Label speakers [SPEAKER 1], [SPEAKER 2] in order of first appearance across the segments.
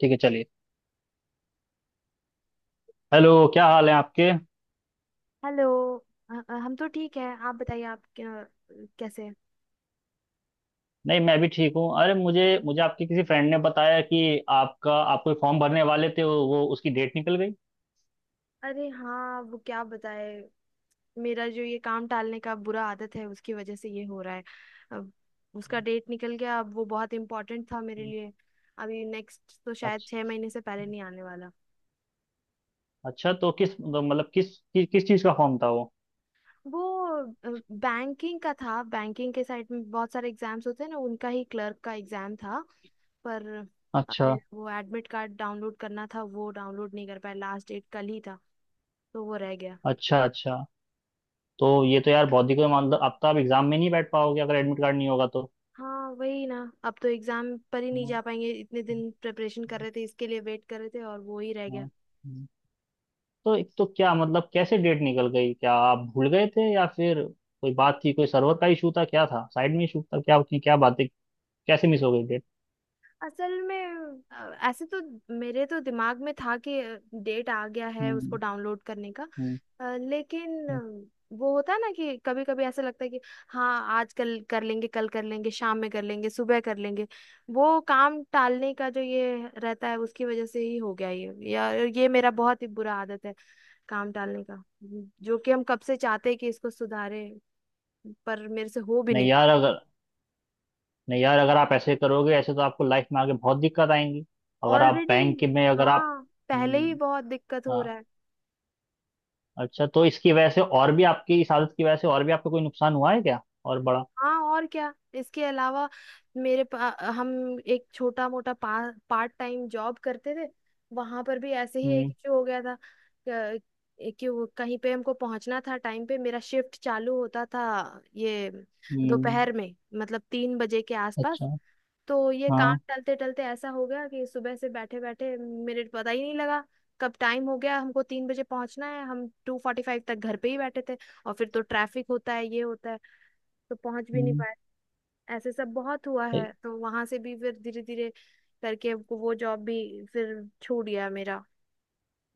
[SPEAKER 1] ठीक है, चलिए। हेलो, क्या हाल है आपके?
[SPEAKER 2] हेलो। हम तो ठीक है। आप बताइए आप क्या, कैसे हैं?
[SPEAKER 1] नहीं, मैं भी ठीक हूँ। अरे, मुझे मुझे आपके किसी फ्रेंड ने बताया कि आपका आप कोई फॉर्म भरने वाले थे, वो उसकी डेट निकल गई।
[SPEAKER 2] अरे हाँ वो क्या बताए। मेरा जो ये काम टालने का बुरा आदत है उसकी वजह से ये हो रहा है। अब उसका डेट निकल गया, अब वो बहुत इम्पोर्टेंट था मेरे लिए। अभी नेक्स्ट तो शायद
[SPEAKER 1] अच्छा।
[SPEAKER 2] 6 महीने से पहले नहीं आने वाला।
[SPEAKER 1] अच्छा। तो किस तो मतलब किस चीज़ का फॉर्म था वो?
[SPEAKER 2] वो बैंकिंग का था। बैंकिंग के साइड में बहुत सारे एग्जाम्स होते हैं ना, उनका ही क्लर्क का एग्जाम था। पर
[SPEAKER 1] अच्छा
[SPEAKER 2] मेरा वो एडमिट कार्ड डाउनलोड करना था, वो डाउनलोड नहीं कर पाया। लास्ट डेट कल ही था तो वो रह गया।
[SPEAKER 1] अच्छा। अच्छा। तो ये तो यार, बहुत ही कोई मतलब, अब तो आप एग्जाम में नहीं बैठ पाओगे, अगर एडमिट कार्ड नहीं होगा तो।
[SPEAKER 2] हाँ वही ना। अब तो एग्जाम पर ही नहीं
[SPEAKER 1] हाँ,
[SPEAKER 2] जा पाएंगे। इतने दिन प्रिपरेशन कर रहे थे, इसके लिए वेट कर रहे थे, और वो ही रह गया।
[SPEAKER 1] हाँ, हाँ। तो एक तो क्या मतलब कैसे डेट निकल गई? क्या आप भूल गए थे, या फिर कोई बात थी? कोई सर्वर का इशू था, क्या था, साइड में इशू था, क्या क्या बातें, कैसे मिस हो गई डेट?
[SPEAKER 2] असल में ऐसे तो मेरे तो दिमाग में था कि डेट आ गया है उसको
[SPEAKER 1] हम्म।
[SPEAKER 2] डाउनलोड करने का।
[SPEAKER 1] हम्म।
[SPEAKER 2] लेकिन
[SPEAKER 1] हम्म।
[SPEAKER 2] वो होता है ना कि कभी कभी ऐसा लगता है कि हाँ, आज कल कर लेंगे, कल कर लेंगे, शाम में कर लेंगे, सुबह कर लेंगे। वो काम टालने का जो ये रहता है उसकी वजह से ही हो गया ये। या ये मेरा बहुत ही बुरा आदत है काम डालने का, जो कि हम कब से चाहते हैं कि इसको सुधारे, पर मेरे से हो भी नहीं
[SPEAKER 1] नहीं
[SPEAKER 2] पा
[SPEAKER 1] यार अगर नहीं यार, अगर आप ऐसे करोगे, ऐसे तो आपको लाइफ में आगे बहुत दिक्कत आएंगी।
[SPEAKER 2] रहा
[SPEAKER 1] अगर आप
[SPEAKER 2] ऑलरेडी।
[SPEAKER 1] बैंक के में अगर आप
[SPEAKER 2] हाँ, पहले ही
[SPEAKER 1] हम्म।
[SPEAKER 2] बहुत दिक्कत हो
[SPEAKER 1] हाँ।
[SPEAKER 2] रहा है।
[SPEAKER 1] अच्छा, तो इसकी वजह से और भी, आपकी इस आदत की वजह से और भी आपको कोई नुकसान हुआ है क्या और बड़ा?
[SPEAKER 2] हाँ और क्या। इसके अलावा मेरे पा, हम एक छोटा मोटा पार्ट टाइम जॉब करते थे। वहां पर भी ऐसे ही एक
[SPEAKER 1] हम्म।
[SPEAKER 2] इशू हो गया था। क- कि वो कहीं पे हमको पहुंचना था। टाइम पे मेरा शिफ्ट चालू होता था ये
[SPEAKER 1] हम्म।
[SPEAKER 2] दोपहर में, मतलब 3 बजे के आसपास।
[SPEAKER 1] अच्छा।
[SPEAKER 2] तो ये काम
[SPEAKER 1] हाँ।
[SPEAKER 2] टलते टलते ऐसा हो गया कि सुबह से बैठे बैठे मिनट पता ही नहीं लगा कब टाइम हो गया। हमको 3 बजे पहुंचना है, हम 2:45 तक घर पे ही बैठे थे। और फिर तो ट्रैफिक होता है, ये होता है, तो पहुंच भी नहीं
[SPEAKER 1] हम्म।
[SPEAKER 2] पाए। ऐसे सब बहुत हुआ
[SPEAKER 1] तो
[SPEAKER 2] है। तो वहां से भी फिर धीरे धीरे करके वो जॉब भी फिर छूट गया मेरा,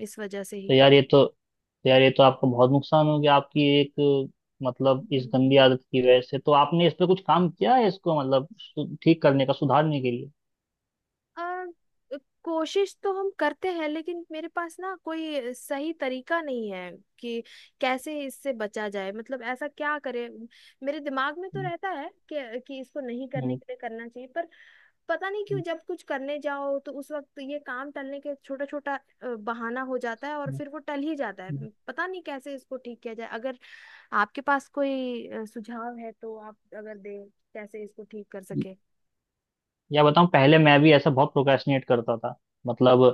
[SPEAKER 2] इस वजह से
[SPEAKER 1] तो
[SPEAKER 2] ही।
[SPEAKER 1] यार ये तो यार ये तो आपको बहुत नुकसान हो गया आपकी एक, मतलब इस
[SPEAKER 2] हम्म।
[SPEAKER 1] गंदी आदत की वजह से। तो आपने इस पे कुछ काम किया है इसको मतलब ठीक करने का, सुधारने के लिए?
[SPEAKER 2] आ, कोशिश तो हम करते हैं लेकिन मेरे पास ना कोई सही तरीका नहीं है कि कैसे इससे बचा जाए, मतलब ऐसा क्या करे। मेरे दिमाग में तो
[SPEAKER 1] हम्म।
[SPEAKER 2] रहता है कि इसको नहीं करने
[SPEAKER 1] हम्म।
[SPEAKER 2] के लिए करना चाहिए, पर पता नहीं क्यों
[SPEAKER 1] हम्म।
[SPEAKER 2] जब कुछ करने जाओ तो उस वक्त ये काम टलने के छोटा छोटा बहाना हो जाता है और फिर वो टल ही जाता है। पता नहीं कैसे इसको ठीक किया जाए। अगर आपके पास कोई सुझाव है तो आप अगर दें कैसे इसको ठीक कर सके।
[SPEAKER 1] या बताऊं, पहले मैं भी ऐसा बहुत प्रोक्रेस्टिनेट करता था। मतलब,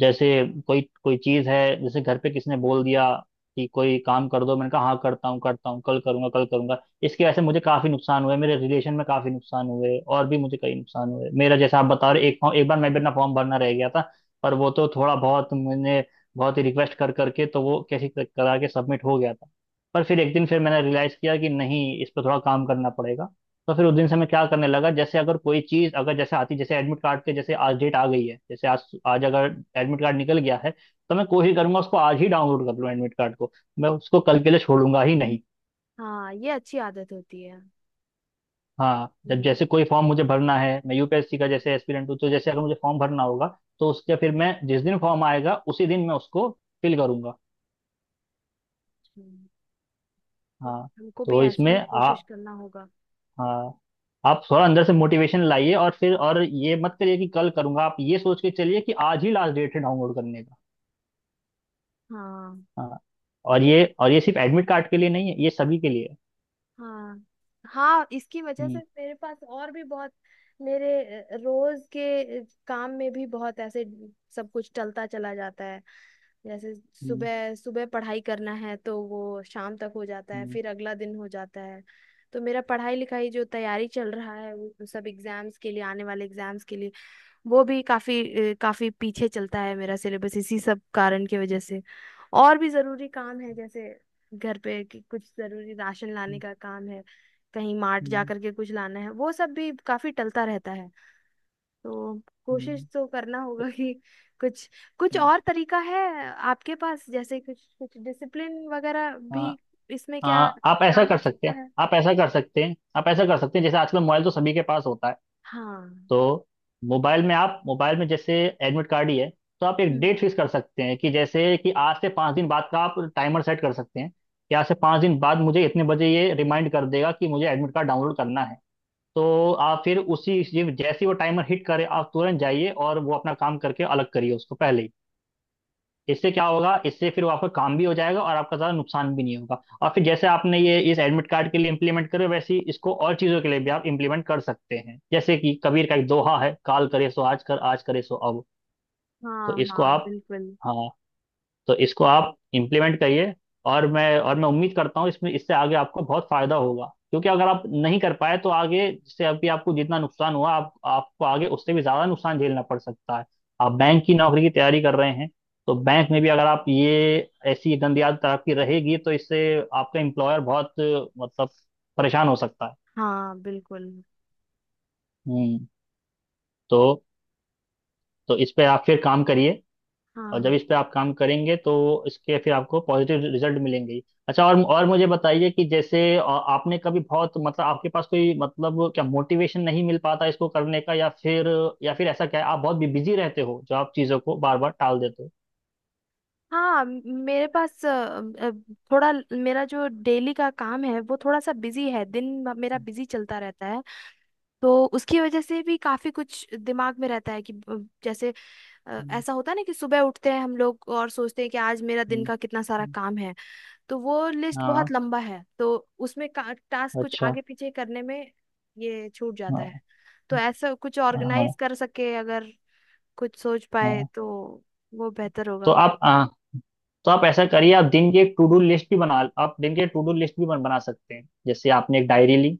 [SPEAKER 1] जैसे कोई कोई चीज है, जैसे घर पे किसी ने बोल दिया कि कोई काम कर दो, मैंने कहा हाँ करता हूँ करता हूँ, कल करूंगा कल करूंगा। इसकी वजह से मुझे काफी नुकसान हुए, मेरे रिलेशन में काफी नुकसान हुए, और भी मुझे कई नुकसान हुए। मेरा, जैसा आप बता रहे, एक फॉर्म एक बार मैं भी अपना फॉर्म भरना रह गया था। पर वो तो थोड़ा बहुत मैंने बहुत ही रिक्वेस्ट कर करके, तो वो कैसे करा के सबमिट हो गया था। पर फिर एक दिन फिर मैंने रियलाइज किया कि नहीं, इस पर थोड़ा काम करना पड़ेगा। तो फिर उस दिन से मैं क्या करने लगा, जैसे अगर कोई चीज, अगर जैसे आती, जैसे एडमिट कार्ड के जैसे आज डेट आ गई है, जैसे आज आज अगर एडमिट कार्ड निकल गया है, तो मैं कोशिश करूंगा उसको आज ही डाउनलोड कर लूँ एडमिट कार्ड को, मैं उसको कल के लिए छोड़ूंगा ही नहीं।
[SPEAKER 2] हाँ ये अच्छी आदत होती है।
[SPEAKER 1] हाँ, जब जैसे कोई फॉर्म मुझे भरना है, मैं यूपीएससी का जैसे एस्पिरेंट हूँ, तो जैसे अगर मुझे फॉर्म भरना होगा, तो उसके फिर मैं जिस दिन फॉर्म आएगा उसी दिन मैं उसको फिल करूंगा।
[SPEAKER 2] अच्छा, तो
[SPEAKER 1] हाँ
[SPEAKER 2] हमको भी
[SPEAKER 1] तो
[SPEAKER 2] ऐसा
[SPEAKER 1] इसमें
[SPEAKER 2] ही
[SPEAKER 1] आ
[SPEAKER 2] कोशिश करना होगा।
[SPEAKER 1] हाँ, आप थोड़ा अंदर से मोटिवेशन लाइए, और फिर और ये मत करिए कि कल करूंगा, आप ये सोच के चलिए कि आज ही लास्ट डेट है डाउनलोड करने।
[SPEAKER 2] हाँ।
[SPEAKER 1] हाँ और
[SPEAKER 2] तो
[SPEAKER 1] ये, और ये सिर्फ एडमिट कार्ड के लिए नहीं है, ये सभी के लिए है।
[SPEAKER 2] हाँ, हाँ, इसकी वजह से
[SPEAKER 1] हम्म।
[SPEAKER 2] मेरे पास और भी बहुत। मेरे रोज के काम में भी बहुत ऐसे सब कुछ चलता चला जाता है। जैसे
[SPEAKER 1] हम्म।
[SPEAKER 2] सुबह सुबह पढ़ाई करना है तो वो शाम तक हो जाता है,
[SPEAKER 1] हम्म।
[SPEAKER 2] फिर अगला दिन हो जाता है। तो मेरा पढ़ाई लिखाई जो तैयारी चल रहा है वो सब एग्जाम्स के लिए, आने वाले एग्जाम्स के लिए, वो भी काफी काफी पीछे चलता है। मेरा सिलेबस इसी सब कारण की वजह से। और भी जरूरी काम है जैसे घर पे कि कुछ जरूरी राशन लाने
[SPEAKER 1] हम्म।
[SPEAKER 2] का काम है, कहीं मार्ट जा
[SPEAKER 1] हम्म।
[SPEAKER 2] करके कुछ लाना है, वो सब भी काफी टलता रहता है। तो
[SPEAKER 1] हम्म।
[SPEAKER 2] कोशिश तो करना होगा कि कुछ कुछ
[SPEAKER 1] हम्म।
[SPEAKER 2] और तरीका है आपके पास, जैसे कुछ कुछ डिसिप्लिन वगैरह
[SPEAKER 1] हाँ।
[SPEAKER 2] भी इसमें क्या
[SPEAKER 1] हाँ, आप ऐसा
[SPEAKER 2] काम
[SPEAKER 1] कर
[SPEAKER 2] आ
[SPEAKER 1] सकते
[SPEAKER 2] सकता
[SPEAKER 1] हैं
[SPEAKER 2] है।
[SPEAKER 1] आप ऐसा कर सकते हैं आप ऐसा कर सकते हैं, जैसे आजकल मोबाइल तो सभी के पास होता है।
[SPEAKER 2] हाँ,
[SPEAKER 1] तो मोबाइल में, जैसे एडमिट कार्ड ही है, तो आप एक
[SPEAKER 2] हम्म।
[SPEAKER 1] डेट फिक्स कर सकते हैं, कि जैसे कि आज से 5 दिन बाद का आप टाइमर सेट कर सकते हैं, कि आज से पाँच दिन बाद मुझे इतने बजे ये रिमाइंड कर देगा कि मुझे एडमिट कार्ड डाउनलोड करना है। तो आप फिर उसी, जैसे ही वो टाइमर हिट करे, आप तुरंत जाइए और वो अपना काम करके अलग करिए उसको पहले ही। इससे क्या होगा, इससे फिर वो आपका काम भी हो जाएगा और आपका ज़्यादा नुकसान भी नहीं होगा। और फिर जैसे आपने ये इस एडमिट कार्ड के लिए इम्प्लीमेंट करे, वैसे ही इसको और चीज़ों के लिए भी आप इम्प्लीमेंट कर सकते हैं। जैसे कि कबीर का एक दोहा है, काल करे सो आज कर, आज करे सो अब। तो
[SPEAKER 2] हाँ,
[SPEAKER 1] इसको
[SPEAKER 2] हाँ,
[SPEAKER 1] आप
[SPEAKER 2] बिल्कुल।
[SPEAKER 1] हाँ, तो इसको आप इम्प्लीमेंट करिए। और मैं उम्मीद करता हूँ, इसमें इससे आगे आपको बहुत फायदा होगा, क्योंकि अगर आप नहीं कर पाए तो आगे, जैसे अभी आपको जितना नुकसान हुआ, आप आपको आगे उससे भी ज्यादा नुकसान झेलना पड़ सकता है। आप बैंक की नौकरी की तैयारी कर रहे हैं, तो बैंक में भी अगर आप ये ऐसी गंदी आदत आपकी रहेगी, तो इससे आपका एम्प्लॉयर बहुत, मतलब, परेशान हो सकता है।
[SPEAKER 2] हाँ, बिल्कुल।
[SPEAKER 1] हम्म। तो तो इस पे आप फिर काम करिए। और जब
[SPEAKER 2] हाँ,
[SPEAKER 1] इस पे आप काम करेंगे, तो इसके फिर आपको पॉजिटिव रिजल्ट मिलेंगे ही। अच्छा, और मुझे बताइए कि जैसे, आपने कभी बहुत, मतलब आपके पास कोई, मतलब क्या मोटिवेशन नहीं मिल पाता इसको करने का? या फिर, या फिर ऐसा क्या है, आप बहुत बिजी रहते हो जो आप चीज़ों को बार बार टाल देते हो?
[SPEAKER 2] हाँ, मेरे पास मेरा जो डेली का काम है वो थोड़ा सा बिजी है। दिन मेरा बिजी चलता रहता है। तो उसकी वजह से भी काफी कुछ दिमाग में रहता है कि जैसे
[SPEAKER 1] हम्म।
[SPEAKER 2] ऐसा होता है ना कि सुबह उठते हैं हम लोग और सोचते हैं कि आज मेरा दिन
[SPEAKER 1] हम्म।
[SPEAKER 2] का कितना सारा
[SPEAKER 1] हम्म।
[SPEAKER 2] काम है। तो वो लिस्ट
[SPEAKER 1] हाँ।
[SPEAKER 2] बहुत लंबा है तो उसमें टास्क कुछ
[SPEAKER 1] अच्छा।
[SPEAKER 2] आगे पीछे करने में ये छूट जाता है।
[SPEAKER 1] हाँ।
[SPEAKER 2] तो ऐसा कुछ
[SPEAKER 1] हाँ।
[SPEAKER 2] ऑर्गेनाइज कर सके, अगर कुछ सोच पाए
[SPEAKER 1] हाँ।
[SPEAKER 2] तो वो बेहतर
[SPEAKER 1] तो
[SPEAKER 2] होगा।
[SPEAKER 1] आप आ, तो आप ऐसा करिए, आप दिन की एक टू डू लिस्ट भी बना आप दिन की टू डू लिस्ट भी बना सकते हैं। जैसे आपने एक डायरी ली,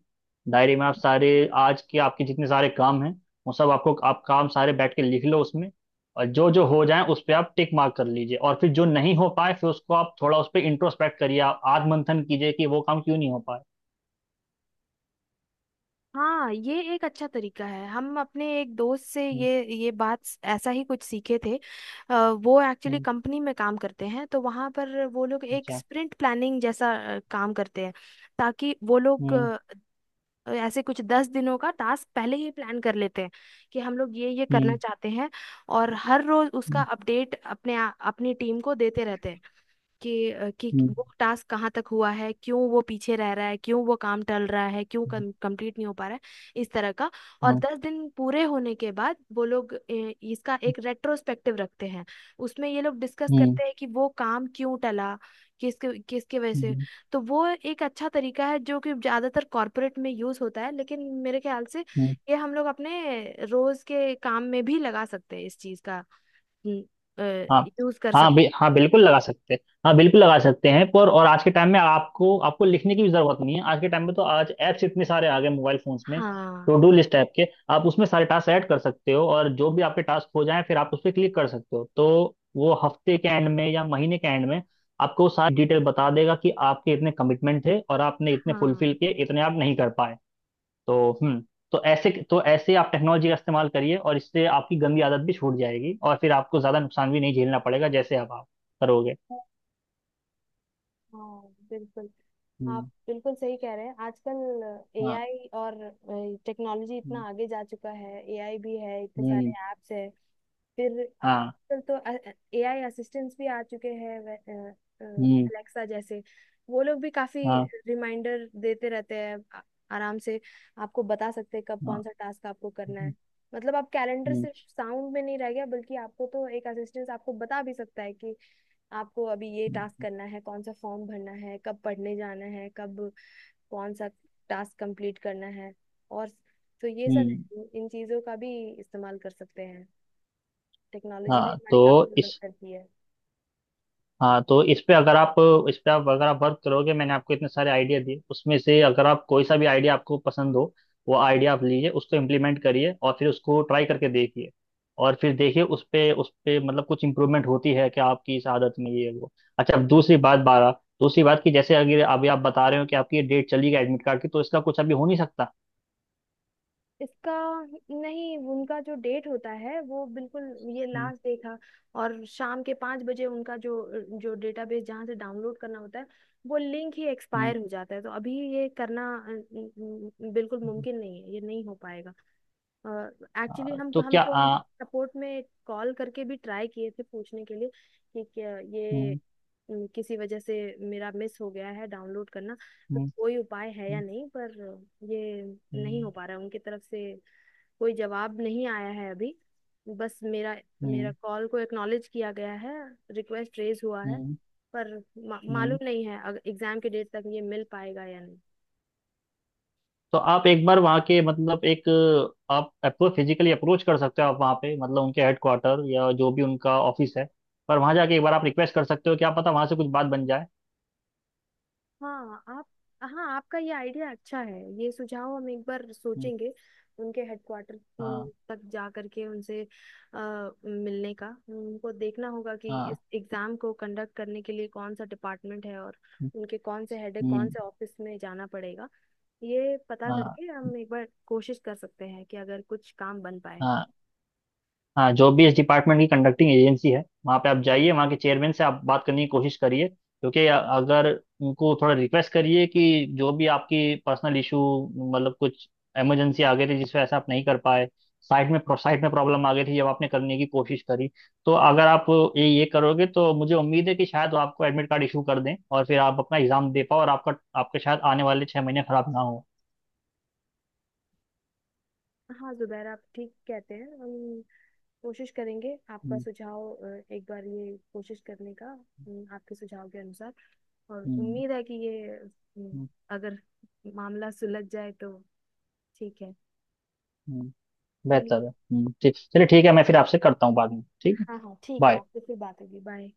[SPEAKER 1] डायरी में आप सारे, आज के आपके जितने सारे काम हैं, वो सब आपको, आप काम सारे बैठ के लिख लो उसमें। और जो जो हो जाए उस पे आप टिक मार्क कर लीजिए, और फिर जो नहीं हो पाए फिर उसको आप थोड़ा उस पे इंट्रोस्पेक्ट करिए, आप आत्ममंथन कीजिए कि वो काम क्यों नहीं हो पाए।
[SPEAKER 2] हाँ ये एक अच्छा तरीका है। हम अपने एक दोस्त से
[SPEAKER 1] हम्म।
[SPEAKER 2] ये बात ऐसा ही कुछ सीखे थे। अ, वो एक्चुअली
[SPEAKER 1] हम्म।
[SPEAKER 2] कंपनी में काम करते हैं तो वहाँ पर वो लोग एक
[SPEAKER 1] अच्छा।
[SPEAKER 2] स्प्रिंट प्लानिंग जैसा काम करते हैं। ताकि वो लोग
[SPEAKER 1] हम्म।
[SPEAKER 2] ऐसे कुछ 10 दिनों का टास्क पहले ही प्लान कर लेते हैं कि हम लोग ये करना
[SPEAKER 1] हम्म।
[SPEAKER 2] चाहते हैं। और हर रोज उसका
[SPEAKER 1] हम्म।
[SPEAKER 2] अपडेट अपने अपनी टीम को देते रहते हैं कि
[SPEAKER 1] हम्म।
[SPEAKER 2] वो टास्क कहाँ तक हुआ है, क्यों वो पीछे रह रहा है, क्यों वो काम टल रहा है, क्यों कंप्लीट नहीं हो पा रहा है, इस तरह का। और
[SPEAKER 1] हम्म।
[SPEAKER 2] 10 दिन पूरे होने के बाद वो लोग इसका एक रेट्रोस्पेक्टिव रखते हैं। उसमें ये लोग डिस्कस
[SPEAKER 1] हम्म।
[SPEAKER 2] करते हैं कि वो काम क्यों टला, किसके किसके वजह से।
[SPEAKER 1] हम्म।
[SPEAKER 2] तो वो एक अच्छा तरीका है जो कि ज्यादातर कॉरपोरेट में यूज होता है, लेकिन मेरे ख्याल से
[SPEAKER 1] हम्म।
[SPEAKER 2] ये हम लोग अपने रोज के काम में भी लगा सकते हैं। इस चीज का
[SPEAKER 1] हाँ
[SPEAKER 2] यूज कर
[SPEAKER 1] हाँ बि,
[SPEAKER 2] सकते हैं।
[SPEAKER 1] हाँ, बिल्कुल लगा सकते हैं। पर, और आज के टाइम में आपको, आपको लिखने की भी जरूरत नहीं है। आज के टाइम में तो आज ऐप्स इतने सारे आ गए मोबाइल फोन्स में,
[SPEAKER 2] हाँ।
[SPEAKER 1] टू डू लिस्ट ऐप के, आप उसमें सारे टास्क ऐड कर सकते हो। और जो भी आपके टास्क हो जाए, फिर आप उस पर क्लिक कर सकते हो, तो वो हफ्ते के एंड में या महीने के एंड में आपको सारी डिटेल बता देगा कि आपके इतने कमिटमेंट थे और आपने इतने फुलफिल
[SPEAKER 2] हाँ,
[SPEAKER 1] किए, इतने आप नहीं कर पाए। तो, हम्म। तो ऐसे आप टेक्नोलॉजी का इस्तेमाल करिए, और इससे आपकी गंदी आदत भी छूट जाएगी और फिर आपको ज्यादा नुकसान भी नहीं झेलना पड़ेगा, जैसे अब आप करोगे।
[SPEAKER 2] हाँ, बिल्कुल। आप
[SPEAKER 1] हम्म।
[SPEAKER 2] बिल्कुल सही कह रहे हैं। आजकल
[SPEAKER 1] हाँ।
[SPEAKER 2] एआई और टेक्नोलॉजी इतना
[SPEAKER 1] हम्म।
[SPEAKER 2] आगे जा चुका है, एआई भी है, इतने सारे
[SPEAKER 1] हम्म।
[SPEAKER 2] ऐप्स है। फिर
[SPEAKER 1] हाँ।
[SPEAKER 2] आजकल तो एआई असिस्टेंट्स भी आ चुके हैं,
[SPEAKER 1] हम्म।
[SPEAKER 2] अलेक्सा जैसे। वो लोग भी काफी
[SPEAKER 1] हाँ।
[SPEAKER 2] रिमाइंडर देते रहते हैं। आराम से आपको बता सकते हैं कब
[SPEAKER 1] हाँ।
[SPEAKER 2] कौन सा टास्क आपको करना
[SPEAKER 1] हम्म।
[SPEAKER 2] है। मतलब आप कैलेंडर
[SPEAKER 1] हम्म।
[SPEAKER 2] सिर्फ साउंड में नहीं रह गया, बल्कि आपको तो एक असिस्टेंट आपको बता भी सकता है कि आपको अभी ये टास्क करना है, कौन सा फॉर्म भरना है, कब पढ़ने जाना है, कब कौन सा टास्क कंप्लीट करना है। और तो ये सब
[SPEAKER 1] हम्म।
[SPEAKER 2] है, इन चीज़ों का भी इस्तेमाल कर सकते हैं। टेक्नोलॉजी भी
[SPEAKER 1] हाँ
[SPEAKER 2] हमारी काफ़ी
[SPEAKER 1] तो
[SPEAKER 2] मदद
[SPEAKER 1] इस
[SPEAKER 2] करती है।
[SPEAKER 1] हाँ, तो इस पे अगर आप, इस पे आप अगर आप वर्क करोगे, मैंने आपको इतने सारे आइडिया दिए, उसमें से अगर आप कोई सा भी आइडिया आपको पसंद हो, वो आइडिया आप लीजिए, उसको इम्प्लीमेंट करिए, और फिर उसको ट्राई करके देखिए, और फिर देखिए उस पे, उस पे मतलब कुछ इम्प्रूवमेंट होती है क्या आपकी इस आदत में, ये वो? अच्छा, अब दूसरी बात की, जैसे अगर अभी आप बता रहे हो कि आपकी ये डेट चली गई एडमिट कार्ड की, तो इसका कुछ अभी हो नहीं सकता।
[SPEAKER 2] इसका नहीं, उनका जो डेट होता है वो बिल्कुल, ये
[SPEAKER 1] हम्म।
[SPEAKER 2] लास्ट देखा। और शाम के 5 बजे उनका जो जो डेटाबेस जहाँ से डाउनलोड करना होता है वो लिंक ही
[SPEAKER 1] हम्म।
[SPEAKER 2] एक्सपायर हो जाता है। तो अभी ये करना बिल्कुल
[SPEAKER 1] हम्म।
[SPEAKER 2] मुमकिन नहीं है, ये नहीं हो पाएगा। एक्चुअली हम
[SPEAKER 1] तो
[SPEAKER 2] हम
[SPEAKER 1] क्या?
[SPEAKER 2] तो उनके सपोर्ट में कॉल करके भी ट्राई किए थे पूछने के लिए कि क्या ये
[SPEAKER 1] हम्म।
[SPEAKER 2] किसी वजह से मेरा मिस हो गया है डाउनलोड करना, तो
[SPEAKER 1] हम्म।
[SPEAKER 2] कोई उपाय है या
[SPEAKER 1] हम्म।
[SPEAKER 2] नहीं, पर ये नहीं हो पा रहा है। उनकी तरफ से कोई जवाब नहीं आया है अभी। बस मेरा मेरा
[SPEAKER 1] हम्म।
[SPEAKER 2] कॉल को एक्नॉलेज किया गया है, रिक्वेस्ट रेज हुआ है,
[SPEAKER 1] हम्म।
[SPEAKER 2] पर मालूम
[SPEAKER 1] हम्म।
[SPEAKER 2] नहीं है अगर एग्जाम के डेट तक ये मिल पाएगा या नहीं।
[SPEAKER 1] तो आप एक बार वहाँ के, मतलब एक, आप अप्रोच, फिजिकली अप्रोच कर सकते हो, आप वहाँ पे, मतलब उनके हेडक्वार्टर या जो भी उनका ऑफिस है, पर वहाँ जाके एक बार आप रिक्वेस्ट कर सकते हो, क्या पता वहाँ से कुछ बात बन जाए।
[SPEAKER 2] हाँ आप हाँ, आपका ये आइडिया अच्छा है, ये सुझाव हम एक बार
[SPEAKER 1] हम्म।
[SPEAKER 2] सोचेंगे। उनके हेडक्वार्टर
[SPEAKER 1] हाँ।
[SPEAKER 2] तक जा करके उनसे अ, मिलने का, उनको देखना होगा कि
[SPEAKER 1] हाँ।
[SPEAKER 2] इस एग्जाम को कंडक्ट करने के लिए कौन सा डिपार्टमेंट है और
[SPEAKER 1] हम्म।
[SPEAKER 2] उनके कौन से हेड है, कौन
[SPEAKER 1] हम्म।
[SPEAKER 2] से ऑफिस में जाना पड़ेगा। ये पता
[SPEAKER 1] हाँ।
[SPEAKER 2] करके हम एक बार कोशिश कर सकते हैं कि अगर कुछ काम बन पाए।
[SPEAKER 1] हाँ। हाँ, जो भी इस डिपार्टमेंट की कंडक्टिंग एजेंसी है, वहाँ पे आप जाइए, वहाँ के चेयरमैन से आप बात करने की कोशिश करिए, क्योंकि अगर उनको थोड़ा रिक्वेस्ट करिए कि जो भी आपकी पर्सनल इशू, मतलब कुछ इमरजेंसी आ गई थी जिस वजह से आप नहीं कर पाए, साइट में प्रॉब्लम आ गई थी जब आपने करने की कोशिश करी, तो अगर आप ये करोगे, तो मुझे उम्मीद है कि शायद वो आपको एडमिट कार्ड इशू कर दें, और फिर आप अपना एग्जाम दे पाओ, और आपका आपके शायद आने वाले 6 महीने खराब ना हो।
[SPEAKER 2] हाँ जुबैर, आप ठीक कहते हैं। हम कोशिश करेंगे आपका
[SPEAKER 1] हम्म।
[SPEAKER 2] सुझाव, एक बार ये कोशिश करने का आपके सुझाव के अनुसार। और
[SPEAKER 1] हम्म।
[SPEAKER 2] उम्मीद है कि ये
[SPEAKER 1] हम्म।
[SPEAKER 2] अगर मामला सुलझ जाए तो ठीक है।
[SPEAKER 1] हम्म।
[SPEAKER 2] चलिए।
[SPEAKER 1] बेहतर है। ठीक, चलिए, ठीक है, मैं फिर आपसे करता हूँ बाद में, ठीक है?
[SPEAKER 2] हाँ, हाँ, ठीक है,
[SPEAKER 1] बाय।
[SPEAKER 2] आपसे फिर बात होगी। बाय।